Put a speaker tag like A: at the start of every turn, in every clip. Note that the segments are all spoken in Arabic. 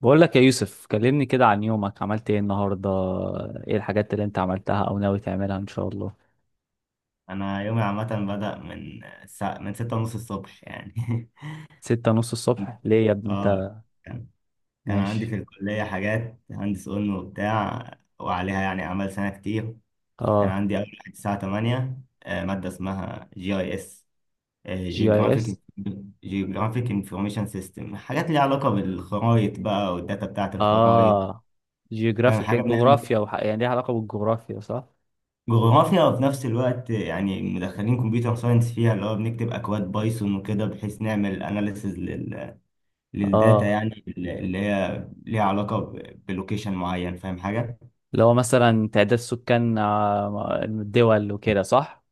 A: بقول لك يا يوسف، كلمني كده عن يومك. عملت ايه النهارده؟ ايه الحاجات اللي انت عملتها او ناوي تعملها ان شاء الله؟
B: انا يومي عامه، بدأ من الساعه ستة ونص الصبح يعني.
A: ستة نص الصبح ليه يا ابني
B: اه
A: انت؟
B: كان كان عندي
A: ماشي.
B: في الكليه حاجات هندس اون وبتاع، وعليها يعني اعمال سنه كتير. كان
A: اه.
B: عندي اول حاجه الساعه 8، ماده اسمها جي اي اس،
A: جي اي اس.
B: جيوغرافيك جيوغرافيك انفورميشن سيستم، حاجات ليها علاقه بالخرايط بقى، والداتا بتاعه الخرايط،
A: اه.
B: فاهم
A: جيوغرافيك.
B: حاجه بنعمل؟
A: جغرافيا يعني ليها علاقة بالجغرافيا، صح؟
B: جغرافيا، وفي نفس الوقت يعني مدخلين كمبيوتر ساينس فيها، اللي هو بنكتب اكواد بايثون وكده بحيث نعمل اناليسز للداتا،
A: اه.
B: يعني اللي هي ليها علاقة بلوكيشن معين، فاهم حاجة؟
A: اللي هو مثلا تعداد سكان الدول وكده، صح؟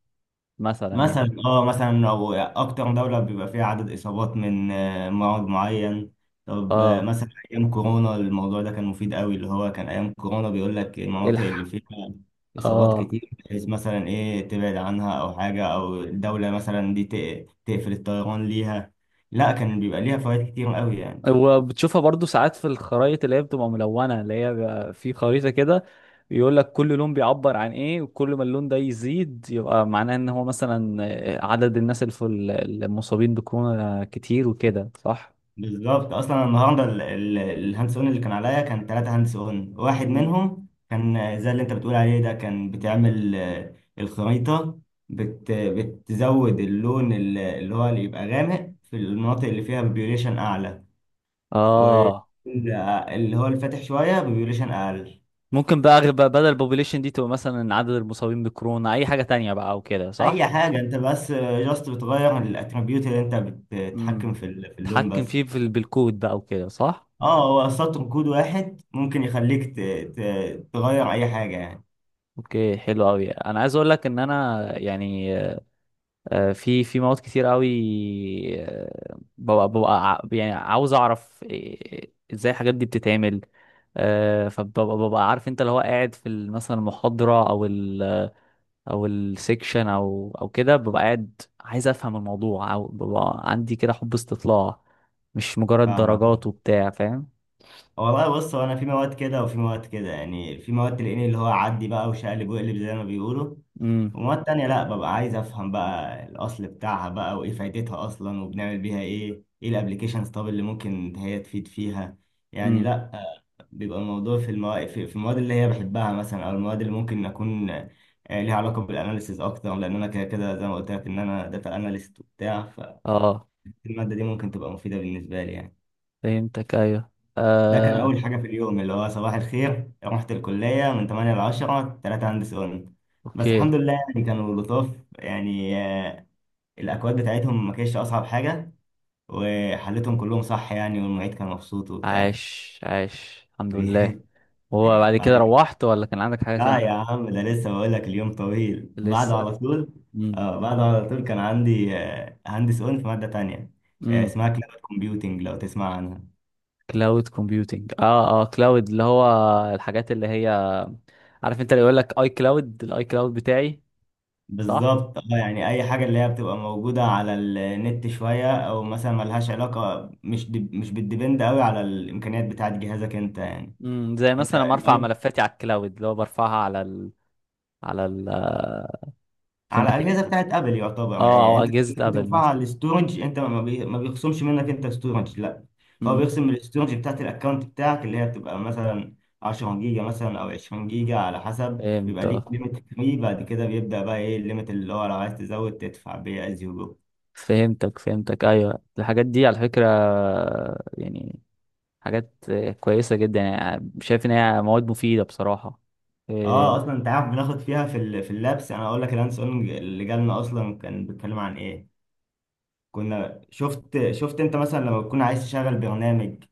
A: مثلا يعني.
B: مثلا مثلا او اكتر دولة بيبقى فيها عدد اصابات من مرض معين. طب
A: اه.
B: مثلا ايام كورونا الموضوع ده كان مفيد قوي، اللي هو كان ايام كورونا بيقول لك المناطق اللي
A: الح
B: فيها اصابات
A: اه.
B: كتير، بحيث مثلا ايه تبعد عنها او حاجة، او الدولة مثلا دي تقفل الطيران ليها. لا كان بيبقى ليها فوائد كتير قوي يعني.
A: وبتشوفها برضو ساعات في الخرايط اللي هي بتبقى ملونة، اللي هي بيبقى في خريطة كده يقول لك كل لون بيعبر عن ايه، وكل ما اللون ده يزيد يبقى معناه ان هو مثلا عدد الناس اللي في المصابين بكورونا كتير وكده، صح؟
B: بالظبط، اصلا النهارده الهاندس اون اللي كان عليا كان ثلاثة هاندس اون، واحد
A: مم.
B: منهم كان زي اللي انت بتقول عليه ده، كان بتعمل الخريطة، بتزود اللون، اللي هو اللي يبقى غامق في المناطق اللي فيها بيبيوليشن اعلى،
A: اه.
B: واللي هو الفاتح شوية بيبيوليشن اقل.
A: ممكن بقى بقى بدل البوبوليشن دي تبقى مثلا عدد المصابين بكورونا اي حاجة تانية بقى او كده،
B: اي
A: صح؟
B: حاجة، انت بس جاست بتغير الاتريبيوت اللي انت
A: امم.
B: بتتحكم في اللون
A: تحكم
B: بس.
A: فيه في بالكود بقى وكده، صح؟
B: اه هو سطر كود واحد ممكن يخليك تغير اي حاجة يعني.
A: اوكي، حلو قوي. انا عايز اقول لك ان انا يعني في مواد كتير قوي. ببقى يعني عاوز اعرف ازاي الحاجات دي بتتعمل. فببقى عارف، انت اللي هو قاعد في مثلا المحاضرة او ال، او السكشن او او كده، ببقى قاعد عايز افهم الموضوع، او ببقى عندي كده حب استطلاع، مش مجرد
B: فاهمة؟
A: درجات وبتاع، فاهم؟
B: والله بص، هو انا في مواد كده وفي مواد كده، يعني في مواد تلاقيني اللي هو عدي بقى وشقلب وقلب زي ما بيقولوا،
A: امم.
B: ومواد تانية لا، ببقى عايز افهم بقى الاصل بتاعها بقى وايه فايدتها اصلا، وبنعمل بيها ايه، ايه الابليكيشنز طب اللي ممكن هي تفيد فيها يعني.
A: امم.
B: لا بيبقى الموضوع في المواد، في المواد اللي هي بحبها مثلا، او المواد اللي ممكن اكون ليها علاقة بالاناليسيز اكتر، لان انا كده كده زي ما قلت لك ان انا داتا اناليست وبتاع،
A: اه،
B: فالمادة دي ممكن تبقى مفيدة بالنسبة لي يعني.
A: فهمتك، ايوه.
B: ده كان
A: آه،
B: أول حاجة في اليوم، اللي هو صباح الخير رحت الكلية من 8 ل 10، تلاتة هندس قلنا. بس
A: اوكي.
B: الحمد لله يعني كانوا لطاف يعني، الأكواد بتاعتهم ما كانتش أصعب حاجة، وحلتهم كلهم صح يعني، والمعيد كان مبسوط وبتاع.
A: عاش، عاش. الحمد لله. هو بعد كده
B: بعد كده،
A: روحت ولا كان عندك حاجة
B: لا
A: تاني؟
B: يا عم ده لسه بقول لك اليوم طويل بعده
A: لسه.
B: على طول.
A: امم.
B: اه بعده على طول كان عندي هندس اون في مادة تانية،
A: امم.
B: اسمها كلاود كومبيوتنج، لو تسمع عنها.
A: كلاود كومبيوتنج. اه اه. كلاود، اللي هو الحاجات اللي هي، عارف انت اللي يقول لك اي كلاود، الاي كلاود بتاعي. صح.
B: بالظبط اه، يعني اي حاجه اللي هي بتبقى موجوده على النت شويه، او مثلا ملهاش علاقه، مش دي مش بتديبند قوي على الامكانيات بتاعه جهازك انت يعني.
A: امم. زي
B: انت
A: مثلا لما ارفع
B: الأي-
A: ملفاتي على الكلاود اللي هو برفعها على على ال... في
B: على
A: مكان.
B: الاجهزه بتاعه ابل يعتبر،
A: اه،
B: يعني
A: او
B: انت
A: اجهزة
B: ممكن
A: ابل
B: ترفعها
A: مثلا.
B: على الاستورج، انت ما بيخصمش منك انت ستورج. لا هو
A: امم.
B: بيخصم من الاستورج بتاعه الاكونت بتاعك، اللي هي بتبقى مثلا 10 جيجا مثلا او 20 جيجا على حسب،
A: فهمت.
B: بيبقى ليك
A: آه.
B: ليميت فري، بعد كده بيبدا بقى ايه الليميت، اللي هو لو عايز تزود تدفع بيه از يو.
A: فهمتك، فهمتك، ايوه. الحاجات دي على فكرة يعني حاجات كويسة جدا، يعني شايف ان هي مواد مفيدة بصراحة. اه.
B: اه، اصلا انت عارف بناخد فيها في اللابس، انا اقول لك الهاند اون اللي جالنا اصلا كان بيتكلم عن ايه. كنا شفت انت مثلا لما تكون عايز تشغل برنامج،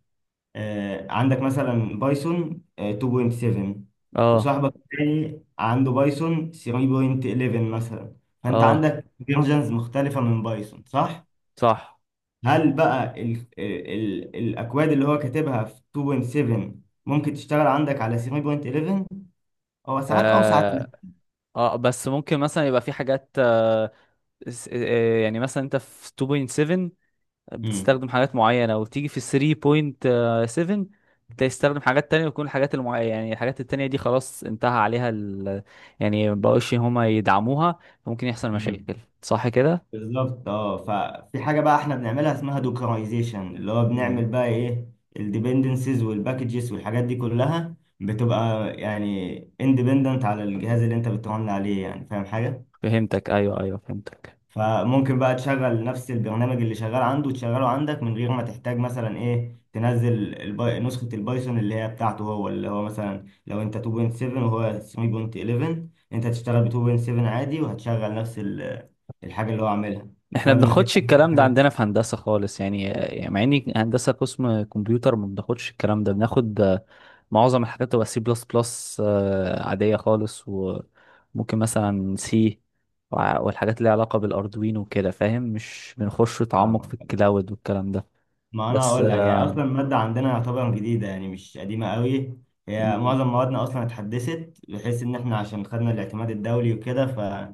B: عندك مثلا بايثون 2.7،
A: اه.
B: وصاحبك التاني عنده بايثون 3.11 مثلا، فانت
A: آه،
B: عندك فيرجنز مختلفة من بايثون صح؟
A: صح.
B: هل بقى ال ال الاكواد اللي هو كاتبها في 2.7 ممكن تشتغل عندك على 3.11؟ هو ساعات، او ساعات لا.
A: اه. اه، بس ممكن مثلا يبقى في حاجات يعني مثلا انت في 2.7 بتستخدم حاجات معينة، وتيجي في 3.7 تستخدم حاجات تانية، وتكون الحاجات المعينة، يعني الحاجات التانية دي خلاص انتهى عليها يعني مبقوش هما يدعموها. ممكن يحصل
B: مم.
A: مشاكل، صح كده؟
B: بالظبط اه، ففي حاجه بقى احنا بنعملها اسمها دوكرايزيشن، اللي هو بنعمل
A: مم.
B: بقى ايه الديبندنسز والباكجز والحاجات دي كلها بتبقى يعني اندبندنت على الجهاز اللي انت بترن عليه، يعني فاهم حاجه.
A: فهمتك، ايوه ايوه، فهمتك.
B: فممكن بقى تشغل نفس البرنامج اللي شغال عنده تشغله عندك من غير ما تحتاج مثلا ايه تنزل نسخة البايثون اللي هي بتاعته هو، اللي هو مثلا لو انت 2.7 وهو 3.11 انت هتشتغل ب 2.7 عادي، وهتشغل نفس الحاجة اللي هو عاملها
A: احنا
B: بسبب انك
A: بناخدش
B: انت عملت
A: الكلام ده
B: حاجة.
A: عندنا في هندسة خالص يعني، يعني مع اني هندسة قسم كمبيوتر ما بناخدش الكلام ده، بناخد معظم الحاجات تبقى سي بلس بلس عادية خالص، وممكن مثلا سي والحاجات اللي ليها علاقة بالاردوينو وكده، فاهم؟ مش بنخش تعمق
B: آه.
A: في الكلاود والكلام ده.
B: ما انا
A: بس
B: اقول لك، يعني اصلا الماده عندنا يعتبر جديده يعني مش قديمه قوي، هي
A: مم،
B: معظم موادنا اصلا اتحدثت بحيث ان احنا عشان خدنا الاعتماد الدولي وكده،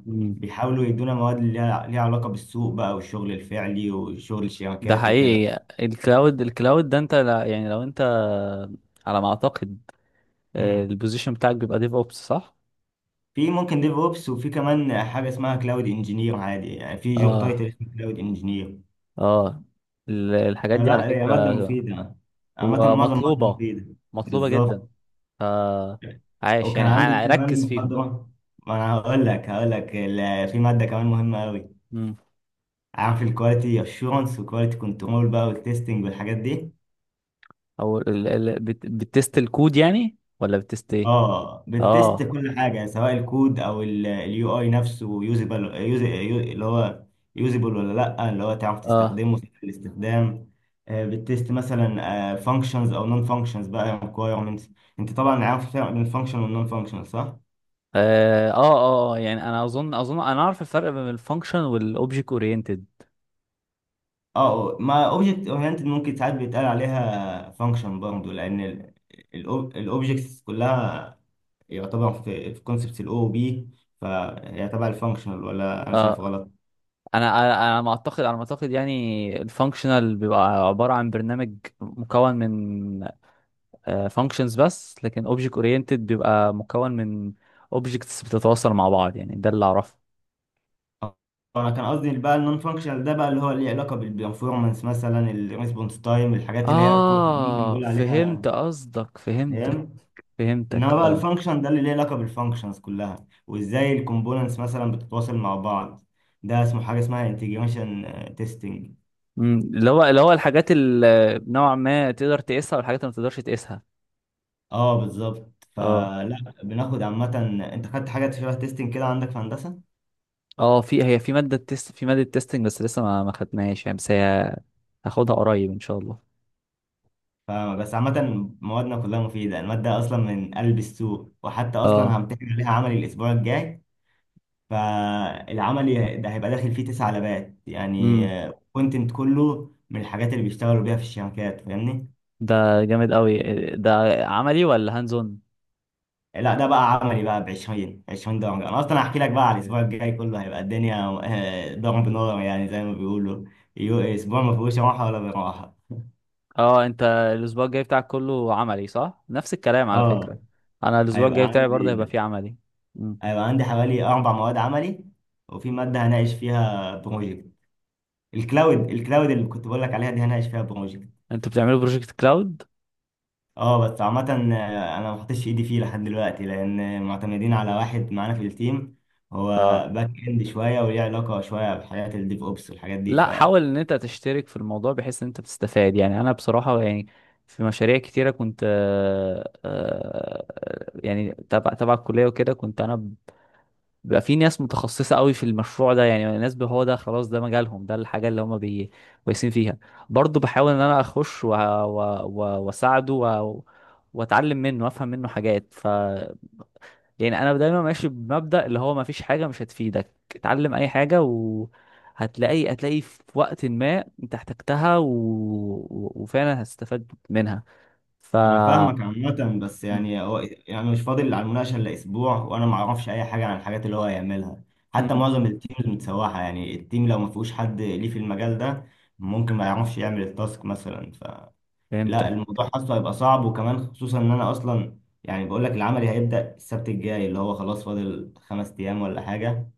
A: مم.
B: فبيحاولوا يدونا مواد اللي ليها علاقه بالسوق بقى والشغل الفعلي وشغل
A: ده
B: الشبكات وكده.
A: حقيقي. الكلاود، الكلاود ده انت يعني لو انت، على ما اعتقد،
B: مم.
A: البوزيشن بتاعك بيبقى ديف اوبس، صح؟
B: في ممكن ديف اوبس، وفي كمان حاجه اسمها كلاود انجينير، عادي يعني في جوب
A: اه.
B: تايتل اسمه كلاود انجينير.
A: اه. الحاجات دي على
B: فلا هي ماده
A: فكرة
B: مفيده، عامه
A: هو
B: معظم المواد
A: مطلوبة،
B: مفيده.
A: مطلوبة جدا.
B: بالظبط.
A: ف، عايش
B: وكان
A: يعني
B: عندي كمان
A: ركز فيهم.
B: محاضرة، ما أنا هقول لك، في مادة كمان مهمة أوي،
A: مم.
B: عارف الكواليتي أشورنس والكواليتي كنترول بقى والتستنج والحاجات دي.
A: او بتست الكود يعني، ولا بتست ايه؟
B: اه، بتست
A: اه.
B: كل حاجة، سواء الكود أو اليو أي نفسه، يوزبل اللي هو يوزبل ولا لأ، اللي هو تعرف
A: اه.
B: تستخدمه، سهل الاستخدام. بتست مثلا فانكشنز أو نون فانكشنز بقى requirements. أنت طبعا عارف الفرق بين الفانكشن والنون فانكشن صح؟
A: اه. اه. اه. يعني انا اظن انا اعرف الفرق بين الفانكشن والاوبجكت اورينتد.
B: اه، ما اوبجكت اورينتد ممكن ساعات بيتقال عليها فانكشن برضه، لان الاوبجكتس كلها يعتبر في كونسبت الاو بي، فهي تبع الفانكشنال، ولا انا شايف
A: اه.
B: غلط؟
A: انا انا أنا ما اعتقد، على ما اعتقد يعني، الفانكشنال بيبقى عباره عن برنامج مكون من فانكشنز بس، لكن اوبجكت اورينتد بيبقى مكون من اوبجكتس بتتواصل مع بعض، يعني ده اللي اعرفه.
B: انا كان قصدي بقى النون فانكشنال ده بقى، اللي هو ليه علاقه بالبرفورمانس مثلا، الريسبونس تايم، الحاجات اللي هي ممكن
A: اه،
B: نقول
A: فهمت
B: عليها.
A: قصدك، فهمتك.
B: فاهم؟ انما
A: فهمتك،
B: بقى
A: اه.
B: الفانكشن ده اللي ليه علاقه بالفانكشنز كلها وازاي الكومبوننتس مثلا بتتواصل مع بعض، ده اسمه حاجه اسمها انتجريشن تيستنج.
A: أمم، اللي هو، اللي هو الحاجات اللي نوعا ما تقدر تقيسها والحاجات اللي ما تقدرش تقيسها.
B: اه بالظبط،
A: اه.
B: فلا بناخد عامة، انت خدت حاجة شبه تيستنج كده عندك في هندسة؟
A: اه، في، هي في ماده تيست، في ماده تيستنج، بس لسه ما خدناهاش يعني، بس هي هاخدها قريب ان شاء الله.
B: فبس عامة موادنا كلها مفيدة، المادة أصلا من قلب السوق، وحتى أصلا
A: اه.
B: همتحن عليها عملي الأسبوع الجاي، فالعملي ده هيبقى داخل فيه تسع لبات يعني،
A: امم.
B: كونتنت كله من الحاجات اللي بيشتغلوا بيها في الشركات، فاهمني؟
A: ده جامد قوي. ده عملي ولا هاندز اون؟
B: لا ده بقى عملي بقى ب 20 درجة، أنا أصلا هحكي لك بقى، على الأسبوع الجاي كله، هيبقى الدنيا ضرب نار يعني زي ما بيقولوا، أسبوع ما فيهوش راحة ولا براحة.
A: اه، انت الاسبوع الجاي بتاعك كله عملي، صح؟ نفس الكلام على فكرة،
B: اه،
A: انا الاسبوع
B: هيبقى
A: الجاي بتاعي برضه هيبقى
B: عندي
A: فيه عملي. مم.
B: هيبقى عندي حوالي أربع مواد عملي، وفي مادة هناقش فيها بروجكت، الكلاود اللي كنت بقول لك عليها دي هناقش فيها بروجكت.
A: انتوا بتعملوا بروجكت كلاود؟
B: اه بس عامة أنا ما حطيتش إيدي فيه لحد دلوقتي، لأن معتمدين على واحد معانا في التيم، هو
A: اه.
B: باك إند شوية وليه علاقة شوية بحاجات الديف أوبس والحاجات دي.
A: لا، حاول ان انت تشترك في الموضوع بحيث ان انت بتستفاد. يعني انا بصراحة يعني في مشاريع كتيرة كنت يعني تبع الكلية وكده، كنت انا بيبقى في ناس متخصصة قوي في المشروع ده، يعني ناس هو ده خلاص ده مجالهم، ده الحاجة اللي هما كويسين فيها. برضو بحاول ان انا اخش واساعده واتعلم منه وافهم منه حاجات. ف، يعني انا دايما ماشي بمبدأ اللي هو ما فيش حاجة مش هتفيدك، اتعلم اي حاجة وهتلاقي، في وقت ما انت احتجتها وفعلا هتستفاد منها. ف.
B: انا فاهمك عامة، بس
A: م-
B: يعني هو، يعني مش فاضل على المناقشة الا اسبوع، وانا ما اعرفش اي حاجة عن الحاجات اللي هو هيعملها، حتى
A: م-
B: معظم التيمز متسوحة، يعني التيم لو ما فيهوش حد ليه في المجال ده ممكن ما يعرفش يعمل التاسك مثلا. فلا
A: فهمتك.
B: الموضوع حاسه هيبقى صعب، وكمان خصوصا ان انا اصلا، يعني بقول لك العملي هيبدأ السبت الجاي اللي هو خلاص فاضل خمس ايام ولا حاجة،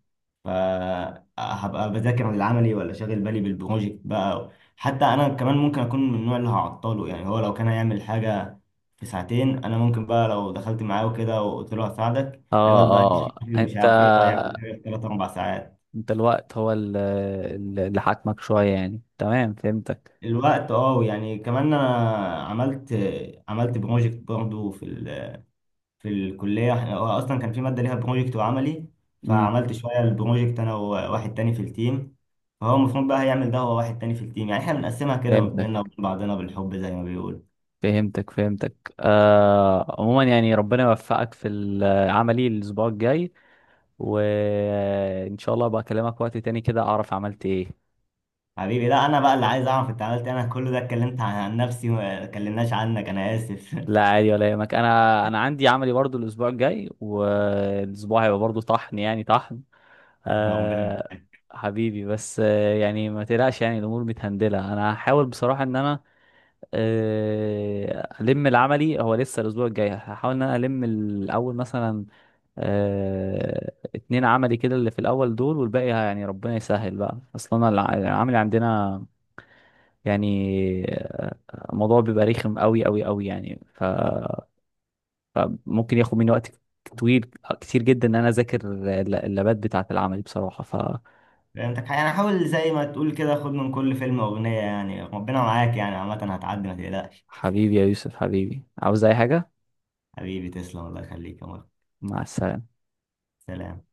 B: فهبقى بذاكر العملي ولا شاغل بالي بالبروجكت بقى. حتى انا كمان ممكن اكون من النوع اللي هعطله، يعني هو لو كان هيعمل حاجه في ساعتين، انا ممكن بقى لو دخلت معاه وكده وقلت له هساعدك،
A: اه.
B: هيقعد بقى
A: اه.
B: يشتكي ومش
A: انت،
B: عارف ايه، فهيعمل حاجه في ثلاث اربع ساعات.
A: الوقت هو اللي حاكمك شوية يعني، تمام، فهمتك.
B: الوقت، اه يعني كمان انا، عملت عملت بروجكت برضه في الكلية، هو أصلا كان في مادة ليها بروجكت وعملي،
A: امم.
B: فعملت شوية البروجكت أنا وواحد تاني في التيم، فهو المفروض بقى هيعمل ده هو واحد تاني في التيم، يعني إحنا بنقسمها كده بينا
A: فهمتك،
B: وبين بعضنا بالحب زي ما بيقول.
A: فهمتك، فهمتك. آه، عموما يعني ربنا يوفقك في عملي الأسبوع الجاي، وإن شاء الله بقى أكلمك وقت تاني كده أعرف عملت إيه.
B: حبيبي لا، أنا بقى اللي عايز أعرف أنت عملت إيه، أنا كل ده اتكلمت عن نفسي وما اتكلمناش عنك، أنا آسف.
A: لا، عادي ولا يهمك، أنا عندي عملي برضو الأسبوع الجاي، والأسبوع هيبقى برضو طحن يعني، طحن.
B: ربنا
A: آه.
B: معاك.
A: حبيبي، بس يعني ما تقلقش، يعني الأمور متهندلة. أنا هحاول بصراحة إن أنا الم العملي، هو لسه الاسبوع الجاي، هحاول ان انا الم الاول مثلا 2 عملي كده اللي في الاول دول، والباقي يعني ربنا يسهل بقى. اصلا العملي عندنا يعني الموضوع بيبقى رخم قوي قوي قوي يعني. فممكن ياخد مني وقت طويل كتير جدا ان انا اذاكر اللابات بتاعه العملي بصراحة.
B: فهمتك، يعني حاول زي ما تقول كده، خد من كل فيلم أغنية، يعني ربنا معاك، يعني عامة هتعدي ما تقلقش.
A: فحبيبي يا يوسف، حبيبي، عاوز اي حاجة؟
B: حبيبي تسلم، الله يخليك، يا مرحبا.
A: مع السلامة.
B: سلام.